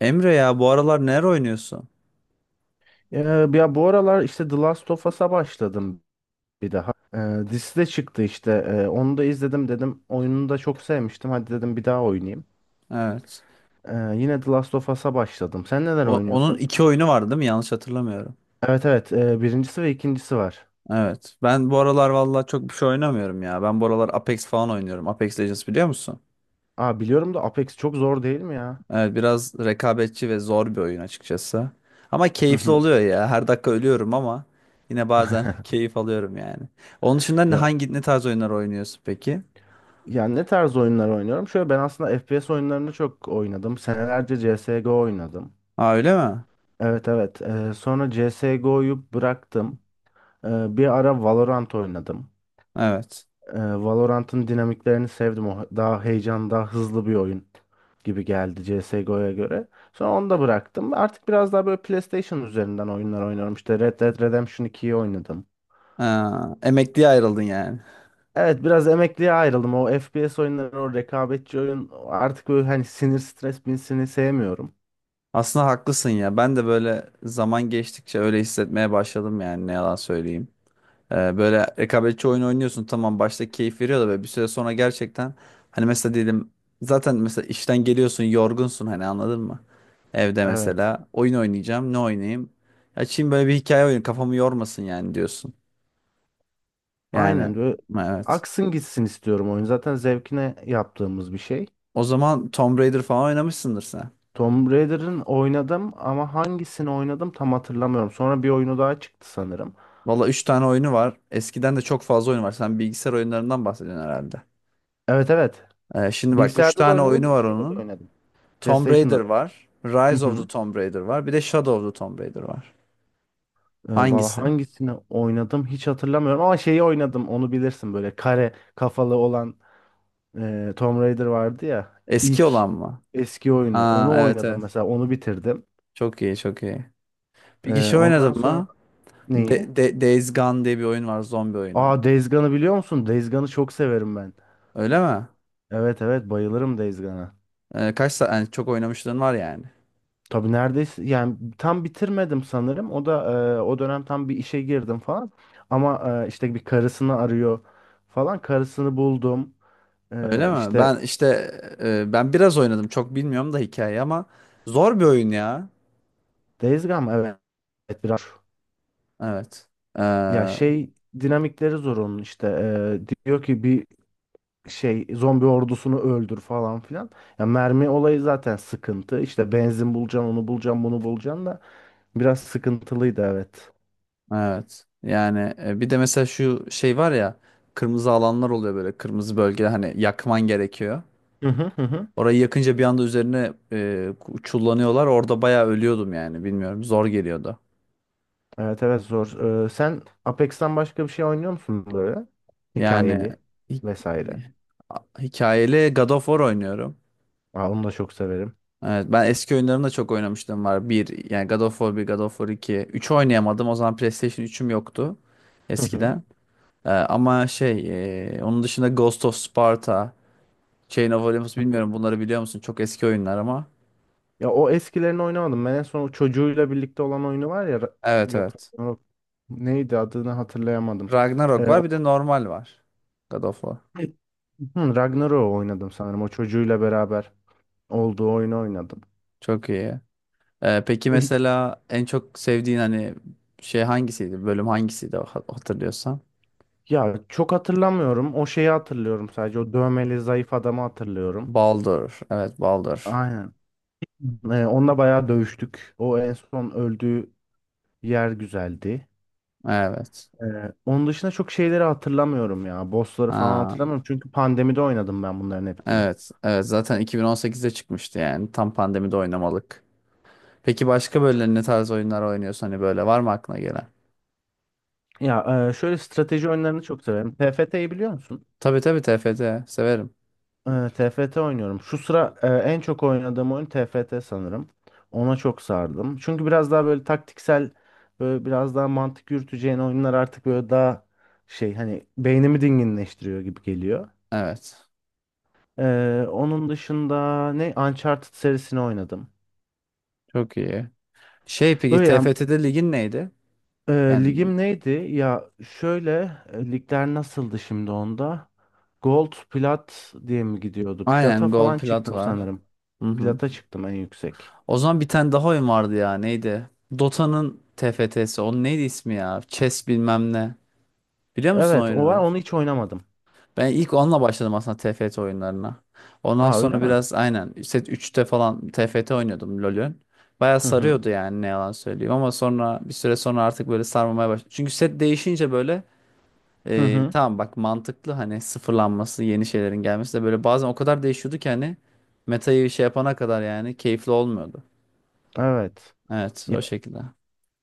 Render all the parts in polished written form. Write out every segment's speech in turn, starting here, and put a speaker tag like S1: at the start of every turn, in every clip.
S1: Emre ya bu aralar neler oynuyorsun?
S2: Ya bu aralar işte The Last of Us'a başladım bir daha. Dizisi de çıktı işte. Onu da izledim dedim. Oyununu da çok sevmiştim. Hadi dedim bir daha oynayayım.
S1: Evet.
S2: Yine The Last of Us'a başladım. Sen neler
S1: Onun
S2: oynuyorsun?
S1: iki oyunu var değil mi? Yanlış hatırlamıyorum.
S2: Evet evet. Birincisi ve ikincisi var.
S1: Evet. Ben bu aralar vallahi çok bir şey oynamıyorum ya. Ben bu aralar Apex falan oynuyorum. Apex Legends biliyor musun?
S2: Aa biliyorum da Apex çok zor değil mi ya?
S1: Evet, biraz rekabetçi ve zor bir oyun açıkçası. Ama
S2: Hı
S1: keyifli
S2: hı.
S1: oluyor ya. Her dakika ölüyorum ama yine bazen keyif alıyorum yani. Onun dışında ne-
S2: Ya
S1: hangi ne tarz oyunlar oynuyorsun peki?
S2: yani ne tarz oyunlar oynuyorum? Şöyle ben aslında FPS oyunlarını çok oynadım. Senelerce CS:GO oynadım.
S1: Aa, öyle mi?
S2: Evet evet. Sonra CS:GO'yu bıraktım. Bir ara Valorant oynadım.
S1: Evet.
S2: Valorant'ın dinamiklerini sevdim. O daha heyecan, daha hızlı bir oyun gibi geldi CS:GO'ya göre. Sonra onu da bıraktım. Artık biraz daha böyle PlayStation üzerinden oyunlar oynuyorum. İşte Red Dead Redemption 2'yi oynadım.
S1: Aa, emekliye ayrıldın yani.
S2: Evet biraz emekliye ayrıldım. O FPS oyunları, o rekabetçi oyun artık böyle hani sinir stres binsini sevmiyorum.
S1: Aslında haklısın ya. Ben de böyle zaman geçtikçe öyle hissetmeye başladım yani ne yalan söyleyeyim. Böyle rekabetçi oyun oynuyorsun, tamam başta keyif veriyor da böyle bir süre sonra gerçekten hani mesela diyelim zaten mesela işten geliyorsun yorgunsun hani anladın mı? Evde
S2: Evet.
S1: mesela oyun oynayacağım, ne oynayayım? Açayım böyle bir hikaye oyunu, kafamı yormasın yani diyorsun. Yani
S2: Aynen böyle
S1: evet.
S2: aksın gitsin istiyorum oyun. Zaten zevkine yaptığımız bir şey.
S1: O zaman Tomb Raider falan oynamışsındır sen.
S2: Tomb Raider'ın oynadım ama hangisini oynadım tam hatırlamıyorum. Sonra bir oyunu daha çıktı sanırım.
S1: Valla üç tane oyunu var. Eskiden de çok fazla oyun var. Sen bilgisayar oyunlarından bahsediyorsun herhalde.
S2: Evet evet.
S1: Şimdi bak, 3
S2: Bilgisayarda da
S1: tane oyunu
S2: oynadım,
S1: var
S2: şeyde de
S1: onun.
S2: oynadım.
S1: Tomb Raider
S2: PlayStation'da da.
S1: var.
S2: Hı
S1: Rise of the
S2: hı.
S1: Tomb Raider var. Bir de Shadow of the Tomb Raider var.
S2: Valla
S1: Hangisi?
S2: hangisini oynadım hiç hatırlamıyorum ama şeyi oynadım onu bilirsin böyle kare kafalı olan Tomb Raider vardı ya
S1: Eski
S2: ilk
S1: olan mı?
S2: eski oyunu onu
S1: Aa, evet
S2: oynadım
S1: evet.
S2: mesela onu bitirdim.
S1: Çok iyi, çok iyi. Bir kişi
S2: Ondan
S1: oynadın
S2: sonra
S1: mı?
S2: neyi?
S1: Days Gone diye bir oyun var. Zombi oyunu.
S2: Aa Days Gone'ı biliyor musun? Days Gone'ı çok severim ben.
S1: Öyle mi?
S2: Evet evet bayılırım Days Gone'a.
S1: Kaç saat? Yani çok oynamışlığın var yani.
S2: Tabii neredeyse yani tam bitirmedim sanırım. O da o dönem tam bir işe girdim falan. Ama işte bir karısını arıyor falan. Karısını buldum.
S1: Öyle
S2: E,
S1: mi?
S2: işte
S1: Ben işte ben biraz oynadım. Çok bilmiyorum da hikayeyi ama zor bir oyun ya.
S2: Days Gone evet. Evet, biraz
S1: Evet.
S2: ya
S1: Ee,
S2: şey dinamikleri zor onun işte. Diyor ki bir şey zombi ordusunu öldür falan filan. Ya mermi olayı zaten sıkıntı. İşte benzin bulacaksın, onu bulacaksın, bunu bulacaksın da biraz sıkıntılıydı evet.
S1: Evet. Yani bir de mesela şu şey var ya, kırmızı alanlar oluyor böyle, kırmızı bölgeler hani yakman gerekiyor.
S2: Hı hı hı hı.
S1: Orayı yakınca bir anda üzerine çullanıyorlar. Orada bayağı ölüyordum yani, bilmiyorum, zor geliyordu.
S2: Evet evet zor. Sen Apex'ten başka bir şey oynuyor musun böyle?
S1: Yani
S2: Hikayeli
S1: hi-
S2: vesaire.
S1: hikayeli God of War oynuyorum.
S2: Aa, onu da çok severim.
S1: Evet, ben eski oyunlarını da çok oynamıştım var. Bir yani God of War 1, God of War 2. 3 oynayamadım, o zaman PlayStation üçüm yoktu
S2: Hı hı.
S1: eskiden. Ama şey onun dışında Ghost of Sparta. Chain of Olympus,
S2: Hı hı.
S1: bilmiyorum bunları biliyor musun? Çok eski oyunlar ama.
S2: Ya o eskilerini oynamadım. Ben en son o çocuğuyla birlikte olan oyunu var ya.
S1: Evet
S2: Yok,
S1: evet.
S2: yok. Neydi adını hatırlayamadım.
S1: Ragnarok
S2: Ee, o-
S1: var, bir de normal var. God of War.
S2: Hı, Ragnarok'u oynadım sanırım. O çocuğuyla beraber olduğu oyunu oynadım.
S1: Çok iyi. Peki
S2: Eh,
S1: mesela en çok sevdiğin hani şey hangisiydi? Bölüm hangisiydi hatırlıyorsan?
S2: ya çok hatırlamıyorum. O şeyi hatırlıyorum sadece. O dövmeli zayıf adamı hatırlıyorum.
S1: Baldur. Evet, Baldur.
S2: Aynen. Onunla bayağı dövüştük. O en son öldüğü yer güzeldi.
S1: Evet.
S2: Ee, Onun dışında çok şeyleri hatırlamıyorum ya. Bossları falan
S1: Ha,
S2: hatırlamıyorum. Çünkü pandemide oynadım ben bunların hepsini.
S1: evet. Evet zaten 2018'de çıkmıştı yani. Tam pandemide oynamalık. Peki başka böyle ne tarz oyunlar oynuyorsun, hani böyle var mı aklına gelen?
S2: Şöyle strateji oyunlarını çok severim. TFT'yi biliyor musun?
S1: Tabii tabii, TFT severim.
S2: TFT oynuyorum. Şu sıra en çok oynadığım oyun TFT sanırım. Ona çok sardım. Çünkü biraz daha böyle taktiksel, böyle biraz daha mantık yürüteceğin oyunlar artık böyle daha şey hani beynimi dinginleştiriyor gibi geliyor.
S1: Evet.
S2: Onun dışında ne Uncharted serisini oynadım.
S1: Çok iyi. Şey, peki
S2: Öyle yani,
S1: TFT'de ligin neydi?
S2: e,
S1: Yani
S2: ligim neydi? Ya şöyle, ligler nasıldı şimdi onda? Gold, plat diye mi gidiyordu? Plata
S1: aynen Gold
S2: falan
S1: Plat
S2: çıktım Gold Plat
S1: var.
S2: sanırım.
S1: Hı hı.
S2: Plata çıktım en yüksek.
S1: O zaman bir tane daha oyun vardı ya, neydi? Dota'nın TFT'si. Onun neydi ismi ya? Chess bilmem ne. Biliyor musun
S2: Evet, o var.
S1: oyunu?
S2: Onu hiç oynamadım.
S1: Ben ilk onunla başladım aslında TFT oyunlarına. Ondan
S2: Aa öyle
S1: sonra
S2: mi?
S1: biraz aynen set üçte falan TFT oynuyordum LoL'ün. Baya
S2: Hı hı.
S1: sarıyordu yani ne yalan söyleyeyim, ama sonra bir süre sonra artık böyle sarmamaya başladı. Çünkü set değişince böyle
S2: Hı hı.
S1: Tamam, bak mantıklı hani sıfırlanması, yeni şeylerin gelmesi, de böyle bazen o kadar değişiyordu ki hani, metayı şey yapana kadar yani keyifli olmuyordu.
S2: Evet.
S1: Evet,
S2: Ya
S1: o şekilde.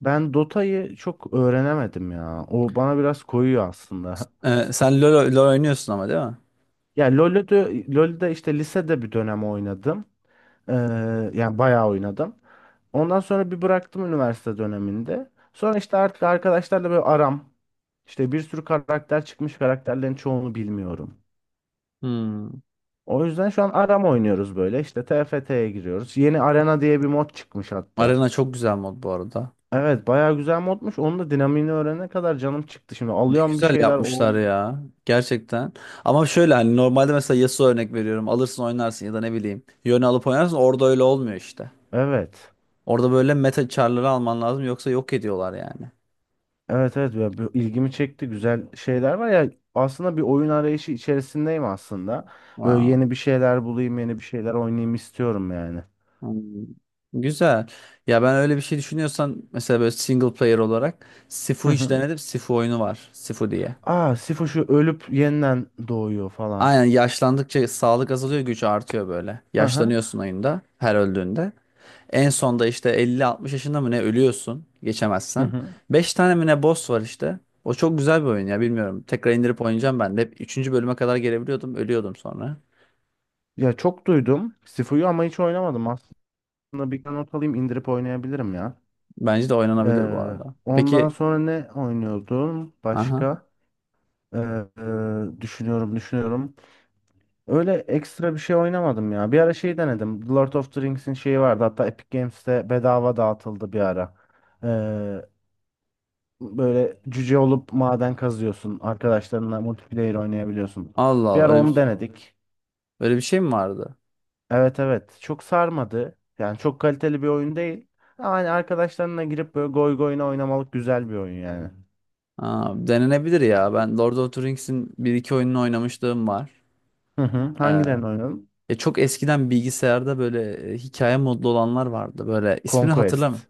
S2: ben Dota'yı çok öğrenemedim ya. O bana biraz koyuyor aslında.
S1: Sen LoL oynuyorsun ama değil mi?
S2: Ya LoL'ü de, LoL'de işte lisede bir dönem oynadım. Ee, Yani bayağı oynadım. Ondan sonra bir bıraktım üniversite döneminde. Sonra işte artık arkadaşlarla böyle aram. İşte bir sürü karakter çıkmış karakterlerin çoğunu bilmiyorum.
S1: Hmm.
S2: O yüzden şu an aram oynuyoruz böyle. İşte TFT'ye giriyoruz. Yeni arena diye bir mod çıkmış hatta.
S1: Arena çok güzel mod bu arada.
S2: Evet bayağı güzel modmuş. Onun da dinamiğini öğrenene kadar canım çıktı şimdi.
S1: Ne
S2: Alıyorum bir
S1: güzel
S2: şeyler
S1: yapmışlar
S2: olmuyor.
S1: ya, gerçekten. Ama şöyle hani, normalde mesela Yasuo örnek veriyorum, alırsın oynarsın ya da ne bileyim Yone alıp oynarsın, orada öyle olmuyor işte.
S2: Evet.
S1: Orada böyle meta char'ları alman lazım, yoksa yok ediyorlar yani.
S2: Evet evet ya bu ilgimi çekti. Güzel şeyler var ya. Aslında bir oyun arayışı içerisindeyim aslında. Böyle
S1: Wow.
S2: yeni bir şeyler bulayım, yeni bir şeyler oynayayım istiyorum yani.
S1: Hmm, güzel. Ya ben öyle bir şey düşünüyorsan, mesela böyle single player olarak Sifu hiç denedim. Sifu oyunu var. Sifu diye.
S2: Aa, Sifo şu ölüp yeniden doğuyor falan.
S1: Aynen, yaşlandıkça sağlık azalıyor, güç artıyor böyle.
S2: Hı hı.
S1: Yaşlanıyorsun oyunda her öldüğünde. En sonda işte 50, 60 yaşında mı ne ölüyorsun
S2: Hı
S1: geçemezsen.
S2: hı.
S1: 5 tane mi ne boss var işte. O çok güzel bir oyun ya, bilmiyorum. Tekrar indirip oynayacağım ben de. Hep üçüncü bölüme kadar gelebiliyordum, ölüyordum sonra.
S2: Ya çok duydum Sifo'yu ama hiç oynamadım. Aslında bir not alayım indirip oynayabilirim ya.
S1: Bence de oynanabilir bu
S2: Ee,
S1: arada.
S2: Ondan
S1: Peki,
S2: sonra ne oynuyordum?
S1: aha.
S2: Başka? Ee, Düşünüyorum düşünüyorum. Öyle ekstra bir şey oynamadım ya. Bir ara şey denedim. The Lord of the Rings'in şeyi vardı. Hatta Epic Games'te bedava dağıtıldı bir ara. Ee, Böyle cüce olup maden kazıyorsun. Arkadaşlarınla multiplayer oynayabiliyorsun.
S1: Allah
S2: Bir
S1: Allah,
S2: ara
S1: öyle
S2: onu
S1: bir,
S2: denedik.
S1: öyle bir şey mi vardı?
S2: Evet evet çok sarmadı. Yani çok kaliteli bir oyun değil. Ama hani arkadaşlarına girip böyle goy goyuna oynamalık güzel bir oyun yani.
S1: Aa, denenebilir ya. Ben Lord of the Rings'in bir iki oyununu oynamışlığım var.
S2: Hı hı.
S1: Ee,
S2: Hangilerini oynadın?
S1: ya çok eskiden bilgisayarda böyle hikaye modlu olanlar vardı. Böyle ismini hatırlamıyorum.
S2: Conquest.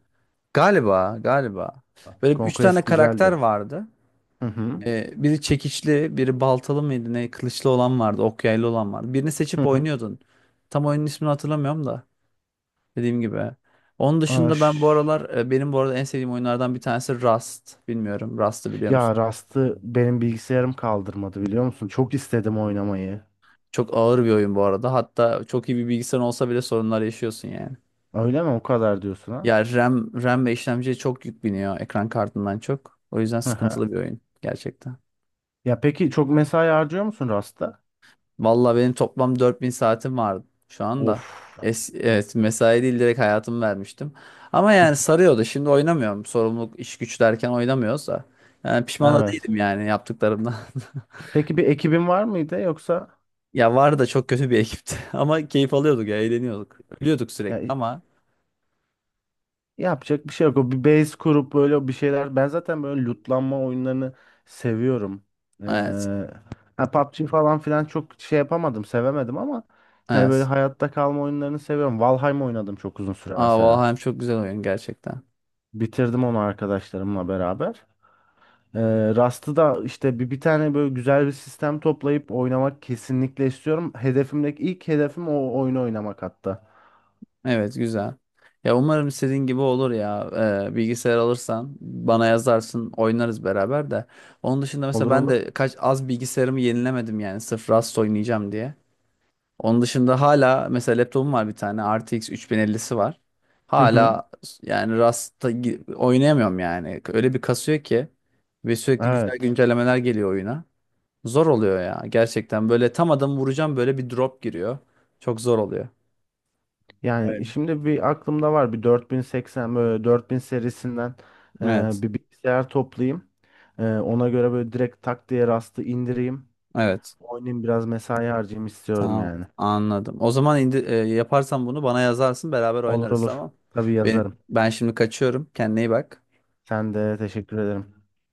S1: Galiba, galiba. Böyle üç
S2: Conquest
S1: tane karakter
S2: güzeldi.
S1: vardı.
S2: Hı hı.
S1: Biri çekiçli, biri baltalı mıydı ne? Kılıçlı olan vardı, ok yaylı olan vardı. Birini
S2: Hı
S1: seçip
S2: hı.
S1: oynuyordun. Tam oyunun ismini hatırlamıyorum da dediğim gibi. Onun dışında ben bu
S2: Aş.
S1: aralar benim bu arada en sevdiğim oyunlardan bir tanesi Rust. Bilmiyorum, Rust'ı biliyor
S2: Ya
S1: musun?
S2: Rust'ı benim bilgisayarım kaldırmadı biliyor musun? Çok istedim oynamayı.
S1: Çok ağır bir oyun bu arada. Hatta çok iyi bir bilgisayar olsa bile sorunlar yaşıyorsun yani.
S2: Öyle mi? O kadar diyorsun ha?
S1: Ya RAM ve işlemciye çok yük biniyor, ekran kartından çok. O yüzden
S2: Hı hı.
S1: sıkıntılı bir oyun gerçekten.
S2: Ya peki çok mesai harcıyor musun Rust'ta?
S1: Vallahi benim toplam 4.000 saatim vardı şu
S2: Of.
S1: anda. Evet, mesai değil, direkt hayatımı vermiştim. Ama yani sarıyordu. Şimdi oynamıyorum. Sorumluluk, iş güç derken oynamıyoruz da. Yani pişman da
S2: Evet.
S1: değilim yani yaptıklarımdan.
S2: Peki bir ekibin var mıydı yoksa?
S1: Ya, var da çok kötü bir ekipti. Ama keyif alıyorduk ya, eğleniyorduk. Ölüyorduk
S2: Ya
S1: sürekli ama
S2: yapacak bir şey yok. O bir base kurup böyle bir şeyler. Ben zaten böyle lootlanma oyunlarını seviyorum. Ee,
S1: evet.
S2: ha, PUBG falan filan çok şey yapamadım, sevemedim ama hani böyle
S1: Evet.
S2: hayatta kalma oyunlarını seviyorum. Valheim oynadım çok uzun süre
S1: Aa,
S2: mesela.
S1: Valheim çok güzel oyun gerçekten.
S2: Bitirdim onu arkadaşlarımla beraber. Ee, Rust'ı da işte bir tane böyle güzel bir sistem toplayıp oynamak kesinlikle istiyorum. Hedefimdeki ilk hedefim o oyunu oynamak hatta.
S1: Evet, güzel. Ya umarım istediğin gibi olur ya. Bilgisayar alırsan bana yazarsın, oynarız beraber de. Onun dışında mesela
S2: Olur
S1: ben
S2: olur.
S1: de kaç az bilgisayarımı yenilemedim yani, sırf Rust oynayacağım diye. Onun dışında hala mesela laptopum var, bir tane RTX 3050'si var.
S2: Hı hı.
S1: Hala yani Rust'ta oynayamıyorum yani. Öyle bir kasıyor ki ve sürekli güzel
S2: Evet.
S1: güncellemeler geliyor oyuna. Zor oluyor ya gerçekten, böyle tam adamı vuracağım böyle bir drop giriyor. Çok zor oluyor.
S2: Yani
S1: Öyle.
S2: şimdi bir aklımda var bir 4080 böyle 4000 serisinden
S1: Evet.
S2: bir bilgisayar toplayayım. Ona göre böyle direkt tak diye rastı indireyim.
S1: Evet.
S2: Oynayayım biraz mesai harcayayım istiyorum
S1: Tamam.
S2: yani.
S1: Anladım. O zaman yaparsan bunu bana yazarsın. Beraber
S2: Olur
S1: oynarız,
S2: olur.
S1: tamam.
S2: Tabii
S1: Benim,
S2: yazarım.
S1: ben şimdi kaçıyorum. Kendine iyi bak.
S2: Sen de teşekkür ederim.